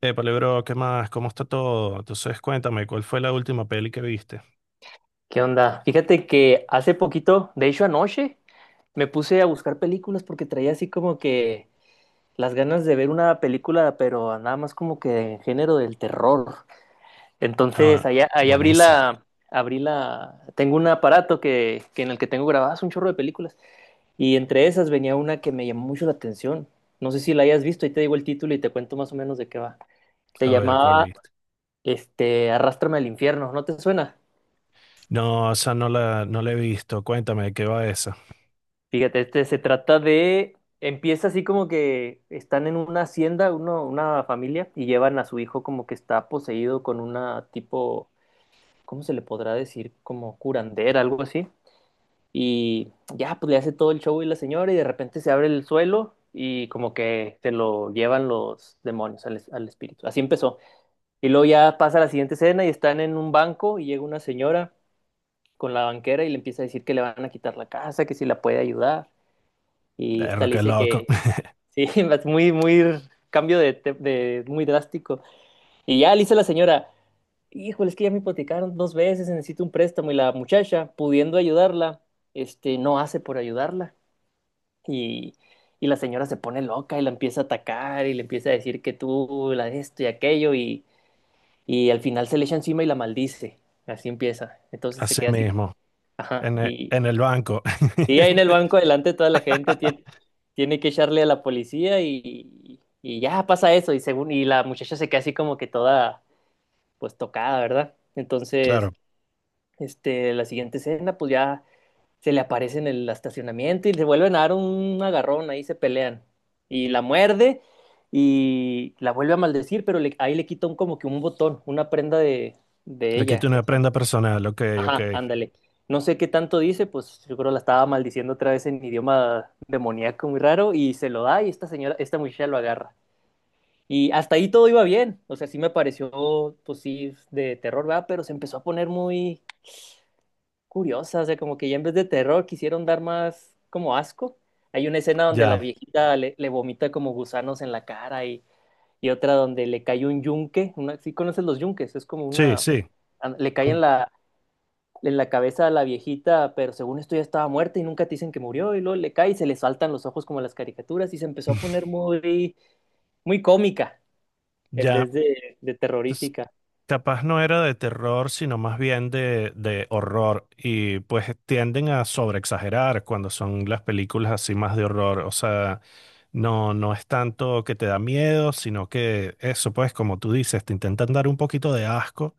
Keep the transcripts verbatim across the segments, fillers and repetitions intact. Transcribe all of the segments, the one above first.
Eh, bro, ¿qué más? ¿Cómo está todo? Entonces, cuéntame, ¿cuál fue la última peli que viste? ¿Qué onda? Fíjate que hace poquito, de hecho anoche, me puse a buscar películas porque traía así como que las ganas de ver una película, pero nada más como que en género del terror. Ah, Entonces, bueno, allá, allá abrí buenísimo. la, abrí la, tengo un aparato que, que en el que tengo grabadas un chorro de películas. Y entre esas venía una que me llamó mucho la atención. No sé si la hayas visto, ahí te digo el título y te cuento más o menos de qué va. Se A ver, ¿cuál llamaba, viste? este, Arrástrame al infierno, ¿no te suena? No, o sea, no la, no la he visto. Cuéntame, ¿de qué va esa? Fíjate, este se trata de, empieza así como que están en una hacienda, uno, una familia, y llevan a su hijo como que está poseído con una tipo, ¿cómo se le podrá decir? Como curandera, algo así. Y ya, pues le hace todo el show y la señora, y de repente se abre el suelo y como que se lo llevan los demonios al, es- al espíritu. Así empezó. Y luego ya pasa la siguiente escena y están en un banco y llega una señora con la banquera y le empieza a decir que le van a quitar la casa, que si la puede ayudar. Y esta Perro, le qué dice loco. que, sí, es muy, muy cambio de, te- de- muy drástico. Y ya le dice la señora, híjole, es que ya me hipotecaron dos veces, necesito un préstamo. Y la muchacha, pudiendo ayudarla, este, no hace por ayudarla. Y, y la señora se pone loca y la empieza a atacar y le empieza a decir que tú, la de esto y aquello. Y, y al final se le echa encima y la maldice. Así empieza. Entonces se Así queda así, mismo, ajá. en el, Y, en el banco. sí, ahí en el banco delante toda la gente tiene, tiene que echarle a la policía y, y ya pasa eso. Y según, y la muchacha se queda así como que toda pues tocada, ¿verdad? Entonces, Claro, este, la siguiente escena, pues ya se le aparece en el estacionamiento y se vuelven a dar un agarrón, ahí se pelean. Y la muerde y la vuelve a maldecir, pero le- ahí le quita un, como que un botón, una prenda de, de le quito ella. una prenda personal. Ok, ok. Ajá, ándale. No sé qué tanto dice, pues yo creo la estaba maldiciendo otra vez en idioma demoníaco muy raro y se lo da y esta señora, esta muchacha lo agarra. Y hasta ahí todo iba bien, o sea, sí me pareció, pues sí, de terror, ¿verdad? Pero se empezó a poner muy curiosa, o sea, como que ya en vez de terror quisieron dar más como asco. Hay una escena donde la Ya. viejita le, le vomita como gusanos en la cara y, y otra donde le cae un yunque, una, ¿sí conoces los yunques? Es como Sí, una, sí. le cae en la, en la cabeza a la viejita, pero según esto ya estaba muerta y nunca te dicen que murió, y luego le cae y se le saltan los ojos como las caricaturas y se empezó a poner muy, muy cómica en Ya. vez de, de terrorífica. Capaz no era de terror, sino más bien de, de horror. Y pues tienden a sobreexagerar cuando son las películas así más de horror. O sea, no, no es tanto que te da miedo, sino que eso, pues, como tú dices, te intentan dar un poquito de asco,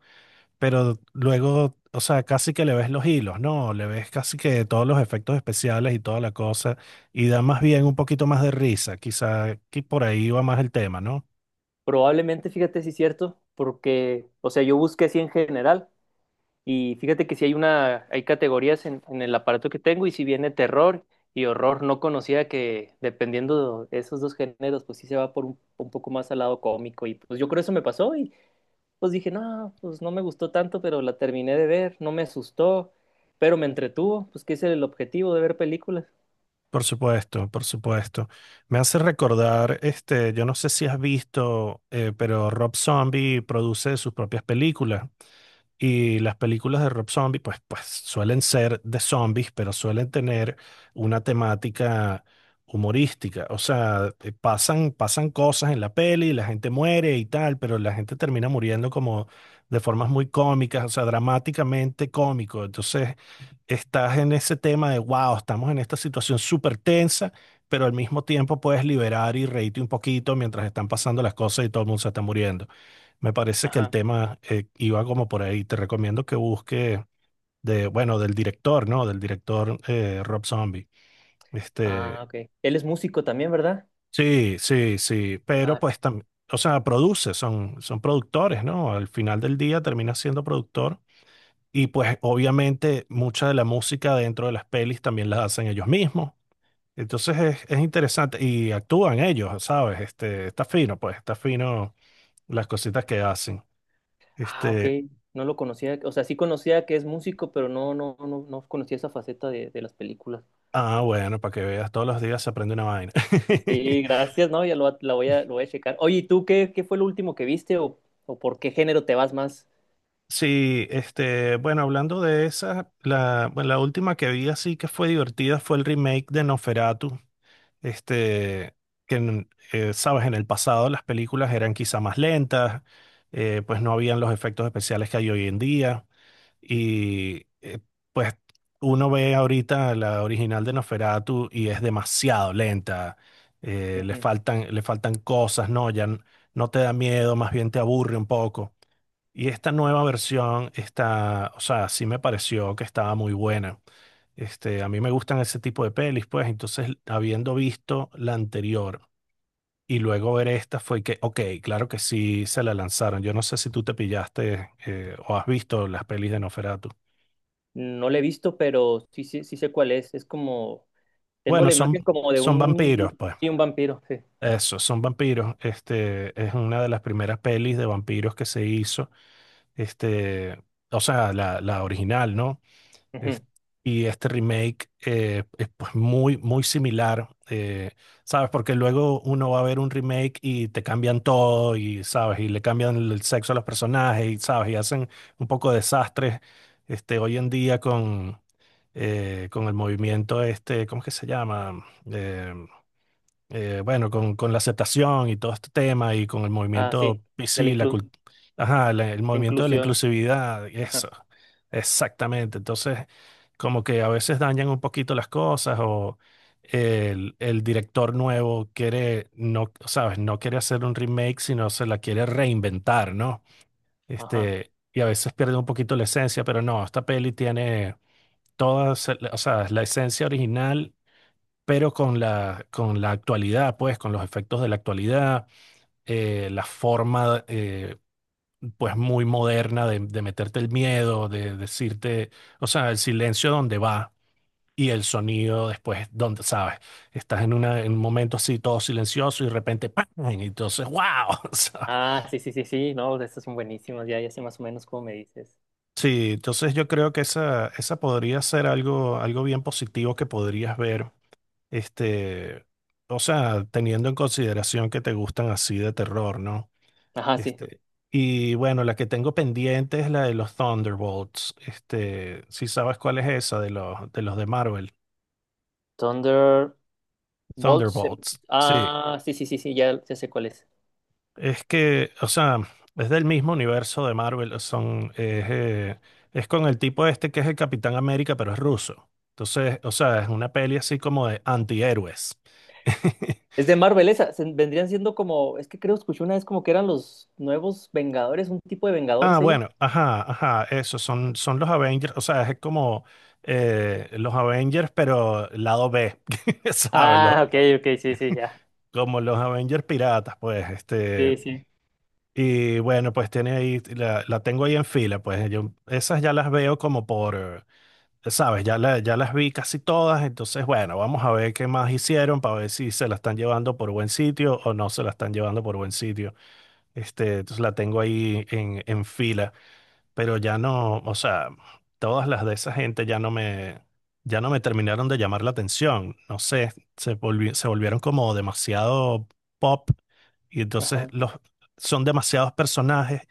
pero luego, o sea, casi que le ves los hilos, ¿no? Le ves casi que todos los efectos especiales y toda la cosa. Y da más bien un poquito más de risa. Quizá que por ahí va más el tema, ¿no? Probablemente, fíjate si es cierto, porque, o sea, yo busqué así en general y fíjate que si hay una, hay categorías en, en el aparato que tengo y si viene terror y horror, no conocía que dependiendo de esos dos géneros, pues sí se va por un, un poco más al lado cómico y pues yo creo eso me pasó y pues dije, no, pues no me gustó tanto, pero la terminé de ver, no me asustó, pero me entretuvo, pues que ese es el objetivo de ver películas. Por supuesto, por supuesto. Me hace recordar, este, yo no sé si has visto, eh, pero Rob Zombie produce sus propias películas y las películas de Rob Zombie, pues, pues suelen ser de zombies, pero suelen tener una temática humorística. O sea, eh, pasan, pasan cosas en la peli, la gente muere y tal, pero la gente termina muriendo como de formas muy cómicas, o sea, dramáticamente cómico. Entonces estás en ese tema de, wow, estamos en esta situación súper tensa, pero al mismo tiempo puedes liberar y reírte un poquito mientras están pasando las cosas y todo el mundo se está muriendo. Me parece que el Ajá. tema eh, iba como por ahí. Te recomiendo que busques de, bueno, del director, ¿no? Del director eh, Rob Zombie. Ah, Este, ok. Él es músico también, ¿verdad? sí, sí, sí, Ah, pero ok. pues también, o sea, produce, son, son productores, ¿no? Al final del día termina siendo productor. Y pues obviamente mucha de la música dentro de las pelis también la hacen ellos mismos. Entonces es, es interesante y actúan ellos, ¿sabes? Este, está fino, pues, está fino las cositas que hacen. Ah, ok. Este, No lo conocía, o sea, sí conocía que es músico, pero no, no, no, no conocía esa faceta de, de las películas. ah, bueno, para que veas, todos los días se aprende una vaina. Sí, sí, gracias, ¿no? Ya lo, va- la voy a, lo voy a checar. Oye, ¿y tú qué, qué fue lo último que viste o, o por qué género te vas más? Sí, este, bueno, hablando de esa, la, bueno, la última que vi así que fue divertida fue el remake de Noferatu. Este, que, en- eh, sabes, en el pasado las películas eran quizá más lentas, eh, pues no habían los efectos especiales que hay hoy en día. Y eh, pues uno ve ahorita la original de Nosferatu y es demasiado lenta. eh, le Ujú. faltan, le faltan, cosas, ¿no? Ya n- no te da miedo, más bien te aburre un poco. Y esta nueva versión está, o sea, sí me pareció que estaba muy buena. Este, a mí me gustan ese tipo de pelis, pues entonces habiendo visto la anterior y luego ver esta fue que, ok, claro que sí se la lanzaron. Yo no sé si tú te pillaste eh, o has visto las pelis de Nosferatu. No lo he visto, pero sí, sí, sí sé cuál es. Es como tengo Bueno, la son, imagen como de son vampiros, un, pues. sí, un vampiro, sí. Eso, son vampiros. Este, es una de las primeras pelis de vampiros que se hizo. Este, o sea, la, la original, ¿no? Ujú. Es- y este remake eh, es pues muy, muy similar. Eh, ¿sabes? Porque luego uno va a ver un remake y te cambian todo, y sabes, y le cambian el el sexo a los personajes, y sabes, y hacen un poco de desastres. Este, hoy en día con, eh, con el movimiento este, ¿cómo es que se llama? Eh, eh, bueno, con, con la aceptación y todo este tema y con el Ah, movimiento sí, de la P C, la cult- inclu- ajá, la- el de movimiento de la inclusión. inclusividad, y Ajá, eso, exactamente. Entonces, como que a veces dañan un poquito las cosas o el, el director nuevo quiere, no, sabes, no quiere hacer un remake, sino se la quiere reinventar, ¿no? ajá. Este, y a veces pierde un poquito la esencia, pero no, esta peli tiene toda, o sea, la esencia original pero con la, con la actualidad, pues, con los efectos de la actualidad, eh, la forma, eh, pues, muy moderna de, de meterte el miedo, de decirte, o sea, el silencio donde va y el sonido después, donde, ¿sabes? Estás en, una, en un momento así todo silencioso y de repente, ¡pam! Y entonces, ¡wow! ¿Sabes? Ah, sí, sí, sí, sí, no, de estos son buenísimos, ya, ya sé más o menos cómo me dices. Sí, entonces yo creo que esa, esa podría ser algo, algo bien positivo que podrías ver, este, o sea, teniendo en consideración que te gustan así de terror, ¿no? Ajá, sí. Este, y bueno, la que tengo pendiente es la de los Thunderbolts. Este, si sabes cuál es esa de los, de los de Marvel. Thunderbolts. em, Thunderbolts. Sí. Ah, sí, sí, sí, sí, ya, ya sé cuál es. Es que, o sea, es del mismo universo de Marvel. Son, es, eh, es con el tipo este que es el Capitán América, pero es ruso. Entonces, o sea, es una peli así como de antihéroes. Es de Marvel esa, se- vendrían siendo como, es que creo escuché una vez como que eran los nuevos Vengadores, un tipo de Ah, Vengadores ellos. bueno, ajá, ajá, eso, son, son los Avengers, o sea, es como eh, los Avengers, pero lado B, ¿sabes? Lo- Ah, ok, ok, sí, sí, ya. Como los Avengers piratas, pues, este, Sí, sí. y bueno, pues tiene ahí, la, la tengo ahí en fila, pues, yo esas ya las veo como por, eh, ¿sabes? Ya, la- ya las vi casi todas, entonces, bueno, vamos a ver qué más hicieron para ver si se la están llevando por buen sitio o no se la están llevando por buen sitio, este, entonces la tengo ahí en, en fila. Pero ya no, o sea, todas las de esa gente ya no me, ya no me terminaron de llamar la atención. No sé, se volvi- se volvieron como demasiado pop y entonces Ajá. los, son demasiados personajes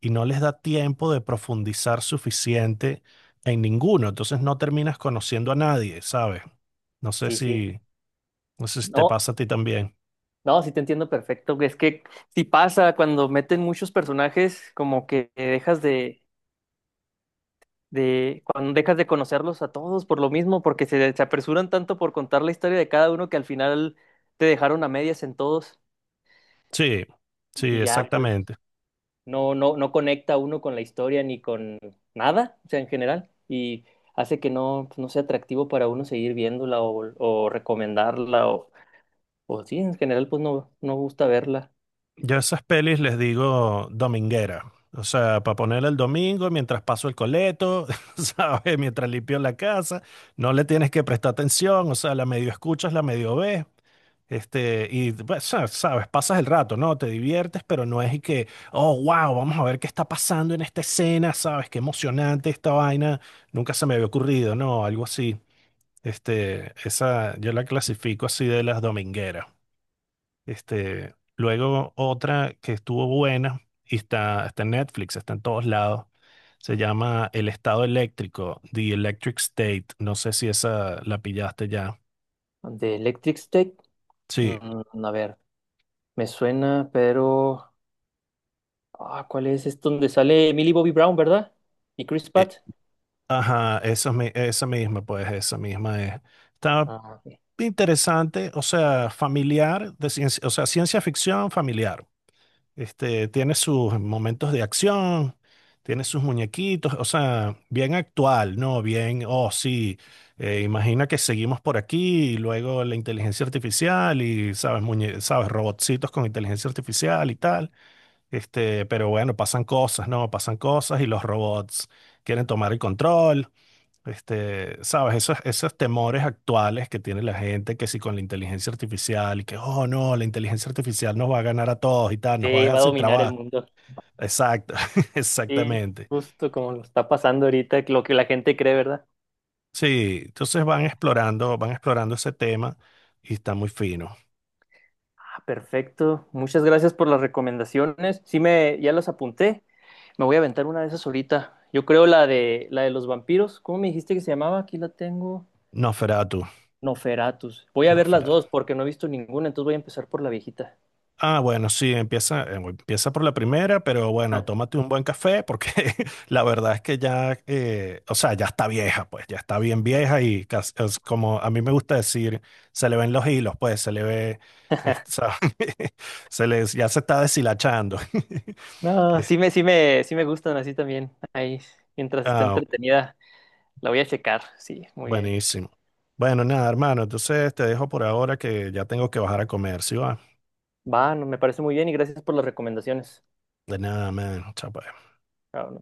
y no les da tiempo de profundizar suficiente en ninguno. Entonces no terminas conociendo a nadie, ¿sabes? No sé Sí, sí. si, no sé si te No. pasa a ti también. No, sí te entiendo perfecto. Es que si pasa cuando meten muchos personajes, como que dejas de, de, cuando dejas de conocerlos a todos por lo mismo, porque se, se apresuran tanto por contar la historia de cada uno que al final te dejaron a medias en todos Sí, sí, y ya pues exactamente. no, no, no conecta uno con la historia ni con nada, o sea, en general, y hace que no, pues, no sea atractivo para uno seguir viéndola o, o recomendarla o, o sí, en general pues no, no gusta verla. Yo a esas pelis les digo dominguera. O sea, para ponerla el domingo mientras paso el coleto, ¿sabes? Mientras limpio la casa, no le tienes que prestar atención, o sea, la medio escuchas, la medio ves, este, y pues, sa- sabes, pasas el rato, ¿no? Te diviertes, pero no es y que, oh, wow, vamos a ver qué está pasando en esta escena, ¿sabes? Qué emocionante esta vaina, nunca se me había ocurrido, ¿no? Algo así. Este, esa, yo la clasifico así de las domingueras. Este, luego otra que estuvo buena y está, está en Netflix, está en todos lados. Se llama El Estado Eléctrico, The Electric State. No sé si esa la pillaste ya. De Electric State, Sí, mm, a ver. Me suena, pero... Ah, ¿cuál es? Es donde sale Millie Bobby Brown, ¿verdad? Y Chris eh, Pratt. ajá, esa, mi- esa misma, pues esa misma es. Está Ah, ok. interesante, o sea, familiar, de ciencia, o sea, ciencia ficción familiar. Este, tiene sus momentos de acción, tiene sus muñequitos, o sea, bien actual, ¿no? Bien, oh, sí, eh, imagina que seguimos por aquí y luego la inteligencia artificial y, ¿sabes? Muñe- ¿sabes? Robotcitos con inteligencia artificial y tal. Este, pero bueno, pasan cosas, ¿no? Pasan cosas y los robots quieren tomar el control. Este, sabes, esos, esos temores actuales que tiene la gente, que si con la inteligencia artificial y que, oh no, la inteligencia artificial nos va a ganar a todos y tal, Sí, nos va a dejar va a sin dominar el trabajo. mundo. Exacto, Sí, exactamente. justo como lo está pasando ahorita, lo que la gente cree, ¿verdad? Sí, entonces van explorando, van explorando ese tema y está muy fino. Ah, perfecto. Muchas gracias por las recomendaciones. Sí, me, ya las apunté. Me voy a aventar una de esas ahorita. Yo creo la de la de los vampiros. ¿Cómo me dijiste que se llamaba? Aquí la tengo. No Nosferatu. Noferatus. Voy a ver las dos porque no he visto ninguna, entonces voy a empezar por la viejita. Ah, bueno, sí, empieza, eh, empieza por la primera, pero Ah, bueno, tómate un buen café porque la verdad es que ya, eh, o sea, ya está vieja, pues, ya está bien vieja y cas- es como a mí me gusta decir, se le ven los hilos, pues, se le ve, es- o sea, se les, ya se está deshilachando. no, Es- sí me, sí me, sí me gustan así también. Ahí, mientras esté Ah, entretenida, la voy a checar. Sí, muy bien. buenísimo. Bueno, nada, hermano, entonces te dejo por ahora que ya tengo que bajar a comer, ¿sí va? Va, no, me parece muy bien y gracias por las recomendaciones. De nada, man, chao. Pues. Ah,